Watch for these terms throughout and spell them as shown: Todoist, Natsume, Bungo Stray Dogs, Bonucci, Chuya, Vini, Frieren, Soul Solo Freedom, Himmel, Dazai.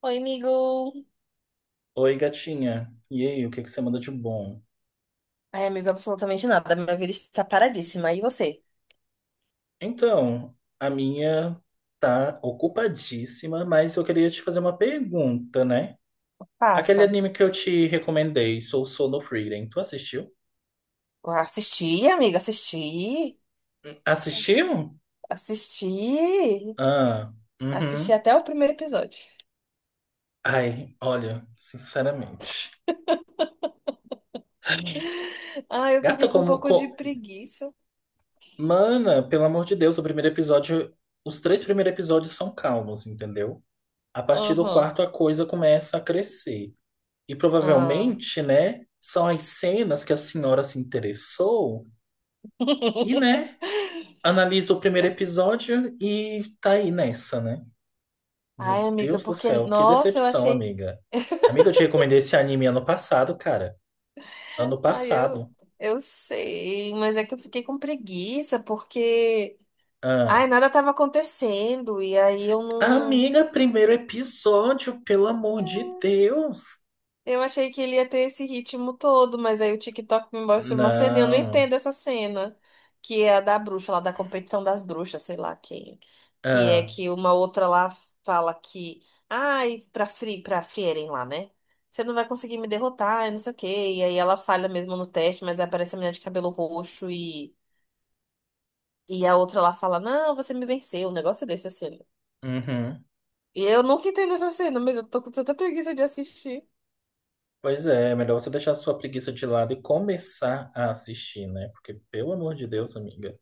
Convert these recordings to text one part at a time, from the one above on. Oi, amigo. Oi, gatinha. E aí, o que que você manda de bom? Ai, amigo, absolutamente nada. Minha vida está paradíssima. E você? Então, a minha tá ocupadíssima, mas eu queria te fazer uma pergunta, né? Aquele Passa. anime que eu te recomendei, Soul Solo Freedom, tu assistiu? Assisti, amiga, assisti. Assistiu? Assisti. Ah, Assisti uhum. até o primeiro episódio. Ai, olha, sinceramente. Ai, eu Gata, fiquei com um pouco de preguiça. mana, pelo amor de Deus, o primeiro episódio. Os três primeiros episódios são calmos, entendeu? A partir do Aham. quarto, a coisa começa a crescer. E Ah. provavelmente, né, são as cenas que a senhora se interessou e, né, analisa o primeiro episódio e tá aí nessa, né? Meu Ai, amiga, Deus do porque, céu, que nossa, eu decepção, achei. amiga. Amiga, eu te recomendei esse anime ano passado, cara. Ano Ai, eu, passado. eu sei, mas é que eu fiquei com preguiça porque. Ai, Ah. nada estava acontecendo. E aí eu não. Amiga, primeiro episódio, pelo amor de Deus. Eu achei que ele ia ter esse ritmo todo, mas aí o TikTok me mostra uma cena e eu não Não. entendo essa cena, que é a da bruxa, lá da competição das bruxas, sei lá quem, que é Ah. que uma outra lá fala que, ai, pra Frieren lá, né? Você não vai conseguir me derrotar, e não sei o quê. E aí ela falha mesmo no teste, mas aí aparece a menina de cabelo roxo e a outra lá fala, não, você me venceu, um negócio desse, a cena. Uhum. E eu nunca entendo essa cena, mas eu tô com tanta preguiça de assistir. Pois é, é melhor você deixar a sua preguiça de lado e começar a assistir, né? Porque, pelo amor de Deus, amiga.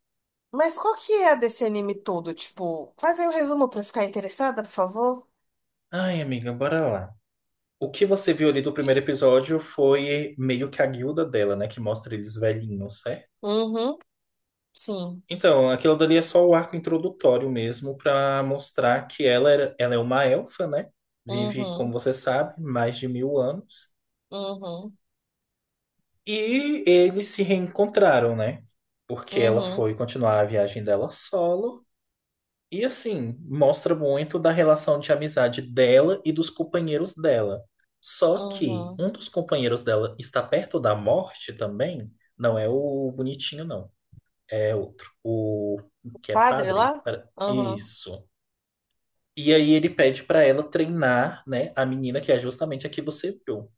Mas qual que é a desse anime todo? Tipo, faz aí um resumo pra eu ficar interessada, por favor. Ai, amiga, bora lá. O que você viu ali do primeiro episódio foi meio que a guilda dela, né? Que mostra eles velhinhos, certo? Uhum, sim. Então, aquilo dali é só o arco introdutório mesmo pra mostrar que ela, era, ela é uma elfa, né? Vive, como Uhum, você sabe, mais de mil anos. uhum, E eles se reencontraram, né? Porque ela uhum, foi continuar a viagem dela solo. E assim, mostra muito da relação de amizade dela e dos companheiros dela. Só que uhum. um dos companheiros dela está perto da morte também. Não é o bonitinho, não. É outro. O que é Padre padre? lá? Uhum, Isso. E aí ele pede para ela treinar, né, a menina que é justamente a que você viu.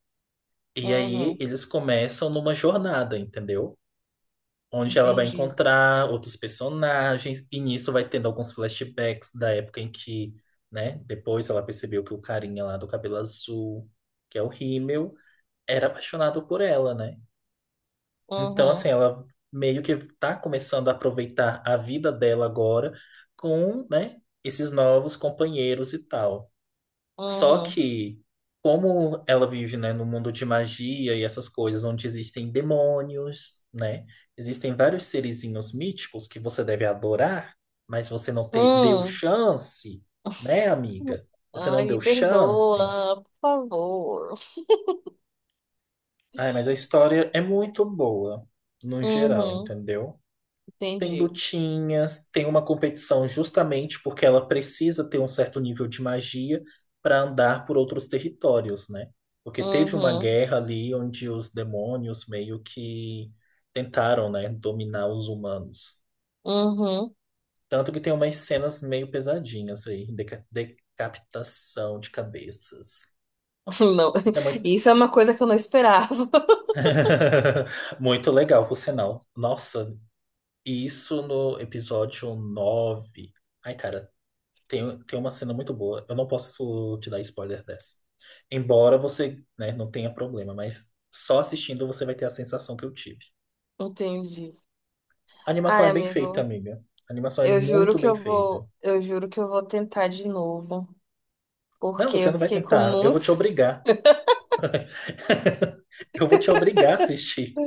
E aí uhum. eles começam numa jornada, entendeu? Onde ela vai Entendi. encontrar outros personagens, e nisso vai tendo alguns flashbacks da época em que, né, depois ela percebeu que o carinha lá do cabelo azul, que é o Himmel, era apaixonado por ela, né? Então, assim, Uhum, ela meio que tá começando a aproveitar a vida dela agora com, né, esses novos companheiros e tal. Só uhum. que, como ela vive, né, no mundo de magia e essas coisas, onde existem demônios, né? Existem vários serizinhos míticos que você deve adorar, mas você não deu Hum. chance, né, amiga? Você não Ai, me deu chance. perdoa, por favor. Ai, mas a história é muito boa, no geral, Uhum, entendeu? Tem entendi. lutinhas, tem uma competição justamente porque ela precisa ter um certo nível de magia para andar por outros territórios, né? Porque teve uma Uhum, guerra ali onde os demônios meio que tentaram, né, dominar os humanos. uhum. Tanto que tem umas cenas meio pesadinhas aí, decapitação de cabeças. Não, É muito isso é uma coisa que eu não esperava. muito legal, por sinal. Nossa, isso no episódio nove. Ai, cara, tem uma cena muito boa. Eu não posso te dar spoiler dessa. Embora você, né, não tenha problema, mas só assistindo você vai ter a sensação que eu tive. Entendi. A animação Ai, é bem feita, amigo. amiga. A animação é Eu juro muito que bem eu feita. vou, eu juro que eu vou tentar de novo, Não, porque você eu não vai fiquei com tentar. Eu vou muito. te obrigar. Eu vou te obrigar a assistir.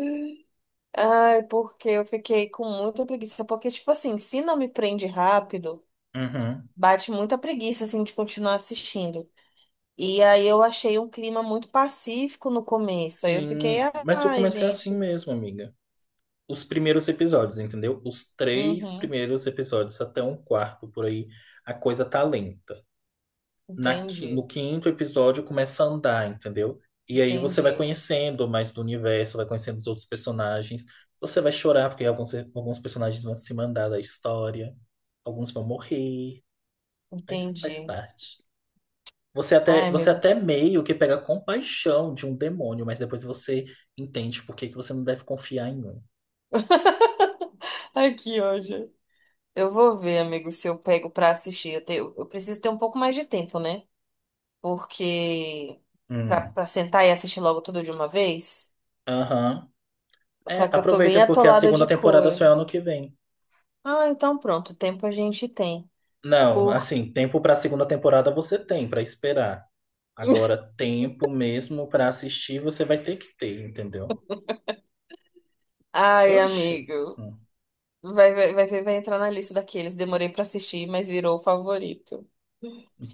Ai, porque eu fiquei com muita preguiça, porque tipo assim, se não me prende rápido, Uhum. bate muita preguiça assim de continuar assistindo. E aí eu achei um clima muito pacífico no começo. Aí eu fiquei, Sim, mas eu ai, comecei gente, assim mesmo, amiga. Os primeiros episódios, entendeu? Os três uhum, primeiros episódios até um quarto por aí, a coisa tá lenta. No entendi, quinto episódio começa a andar, entendeu? E aí você vai entendi, conhecendo mais do universo, vai conhecendo os outros personagens. Você vai chorar, porque alguns personagens vão se mandar da história, alguns vão morrer, mas faz entendi. parte. Você até, Ai, você amigo. até meio que pega compaixão de um demônio, mas depois você entende por que que você não deve confiar em um. Aqui, hoje. Eu vou ver, amigo, se eu pego pra assistir. Eu preciso ter um pouco mais de tempo, né? Porque pra, Hum. pra sentar e assistir logo tudo de uma vez. Aham. É, Só que eu tô aproveita bem porque a atolada segunda de temporada só é coisa. ano que vem. Ah, então pronto, tempo a gente tem. Não, Por... assim, tempo pra segunda temporada você tem pra esperar. Agora, tempo mesmo para assistir você vai ter que ter, entendeu? Ai, Oxi. amigo, Hum. vai entrar na lista daqueles. Demorei pra assistir, mas virou o favorito.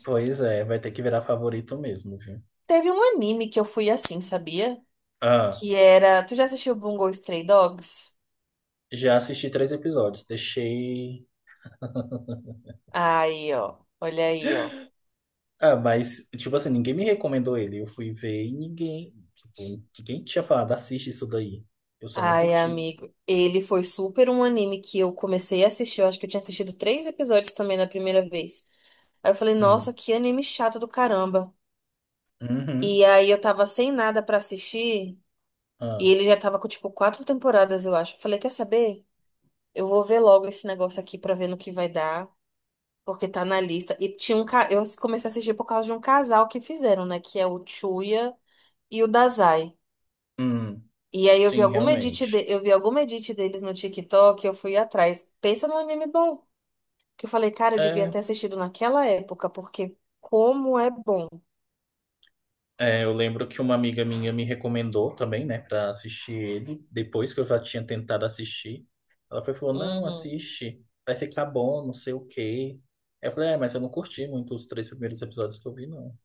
Pois é, vai ter que virar favorito mesmo, viu? Teve um anime que eu fui assim, sabia? Ah, Que era. Tu já assistiu Bungo Stray Dogs? já assisti três episódios, deixei. Aí, ó. Olha aí, ó. Ah, mas, tipo assim, ninguém me recomendou ele. Eu fui ver e ninguém. Tipo, ninguém tinha falado, assiste isso daí. Eu só não Ai, curti. amigo, ele foi super um anime que eu comecei a assistir. Eu acho que eu tinha assistido três episódios também na primeira vez. Aí eu falei, nossa, Hum. que anime chato do caramba. Uhum. E aí eu tava sem nada pra assistir e Ah. ele já tava com tipo quatro temporadas, eu acho. Eu falei, quer saber? Eu vou ver logo esse negócio aqui pra ver no que vai dar, porque tá na lista. E tinha um, eu comecei a assistir por causa de um casal que fizeram, né? Que é o Chuya e o Dazai. Hum. E aí eu vi Sim, alguma edit, realmente. Eu vi alguma edit deles no TikTok, eu fui atrás. Pensa num anime bom. Que eu falei, cara, eu devia É. ter assistido naquela época, porque como é bom. É, eu lembro que uma amiga minha me recomendou também, né, para assistir ele, depois que eu já tinha tentado assistir. Ela foi e falou: "Não, Uhum. assiste, vai ficar bom, não sei o quê". Aí eu falei: "É, mas eu não curti muito os três primeiros episódios que eu vi, não".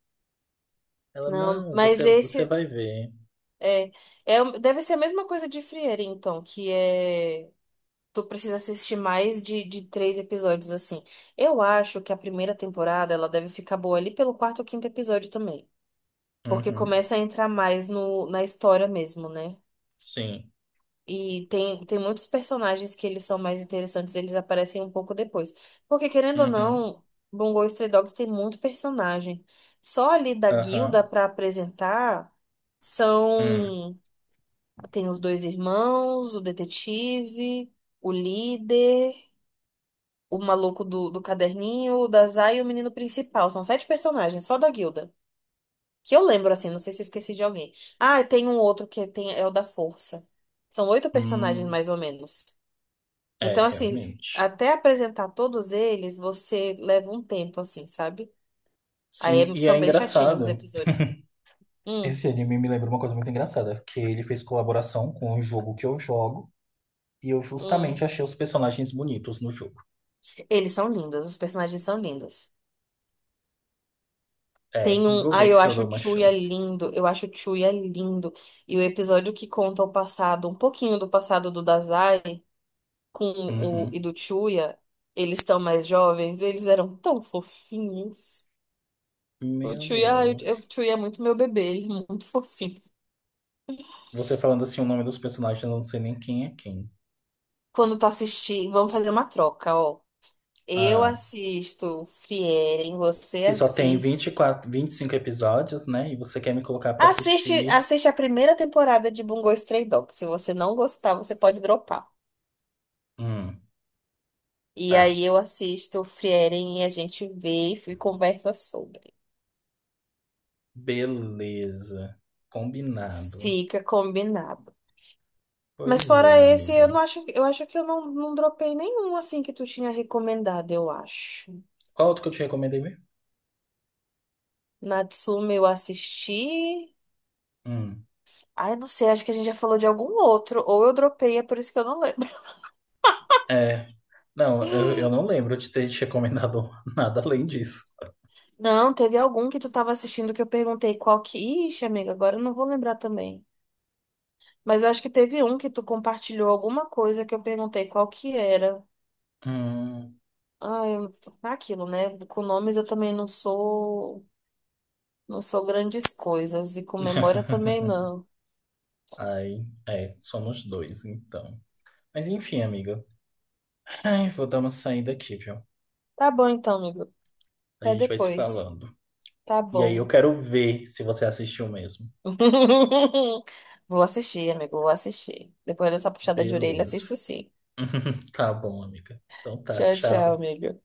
Ela: Não, "Não, mas você esse vai ver". é, deve ser a mesma coisa de Frieren, então, que é tu precisa assistir mais de três episódios assim. Eu acho que a primeira temporada ela deve ficar boa ali pelo quarto ou quinto episódio também, porque Uhum. começa a entrar mais no, na história mesmo, né? Sim. E tem muitos personagens que eles são mais interessantes, eles aparecem um pouco depois. Porque, querendo ou Uhum. não, Bungo Stray Dogs tem muito personagem. Só ali da guilda Aham. pra apresentar Hum. são... Tem os dois irmãos, o detetive, o líder, o maluco do caderninho, o Dazai e o menino principal. São sete personagens, só da guilda. Que eu lembro, assim, não sei se eu esqueci de alguém. Ah, e tem um outro que é, tem, é o da força. São oito personagens, Hum. mais ou menos. É, Então, assim, realmente. até apresentar todos eles, você leva um tempo, assim, sabe? Sim, e São é bem chatinhos os engraçado. episódios. Hum, Esse anime me lembra uma coisa muito engraçada, que ele fez colaboração com um jogo que eu jogo. E eu hum. justamente achei os personagens bonitos no jogo. Eles são lindos, os personagens são lindos. É, Tem um. vou ver Ai, eu se eu acho dou o uma Chuya chance. lindo, eu acho o Chuya lindo. E o episódio que conta o passado, um pouquinho do passado do Dazai com o Uhum. do Chuya, eles estão mais jovens, eles eram tão fofinhos. O Meu Chuya, ai, o Deus. Chuya é muito meu bebê, ele é muito fofinho Você falando assim o nome dos personagens, eu não sei nem quem é quem. quando tu assistir, vamos fazer uma troca, ó. Eu Ah, assisto Frieren, você que só tem 20 vinte assiste. quatro 25 episódios, né? E você quer me colocar pra Assiste, assistir. assiste a primeira temporada de Bungo Stray Dogs. Se você não gostar, você pode dropar. Hum, E tá. aí eu assisto Frieren e a gente vê e conversa sobre. Beleza. Combinado. Fica combinado. Mas Pois fora é, esse, eu não amiga. acho, eu acho que eu não, não dropei nenhum assim que tu tinha recomendado, eu acho. Qual outro que eu te recomendei mesmo? Natsume eu assisti. Hum, Ai, não sei, acho que a gente já falou de algum outro, ou eu dropei, é por isso que eu não lembro. é. Não, eu não lembro de ter te recomendado nada além disso. Não, teve algum que tu tava assistindo que eu perguntei qual que. Ixi, amiga, agora eu não vou lembrar também. Mas eu acho que teve um que tu compartilhou alguma coisa que eu perguntei qual que era. Hum. Ah, eu... é aquilo, né? Com nomes eu também não sou. Não sou grandes coisas. E com memória também não. Ai, é, somos dois, então. Mas enfim, amiga. Ai, vou dar uma saída aqui, viu? Tá bom então, amigo. A Até gente vai se depois. falando. Tá E aí eu bom. quero ver se você assistiu mesmo. Vou assistir, amigo, vou assistir. Depois dessa puxada de orelha, Beleza. assisto sim. Tá bom, amiga. Então tá, Tchau, tchau, tchau. amigo.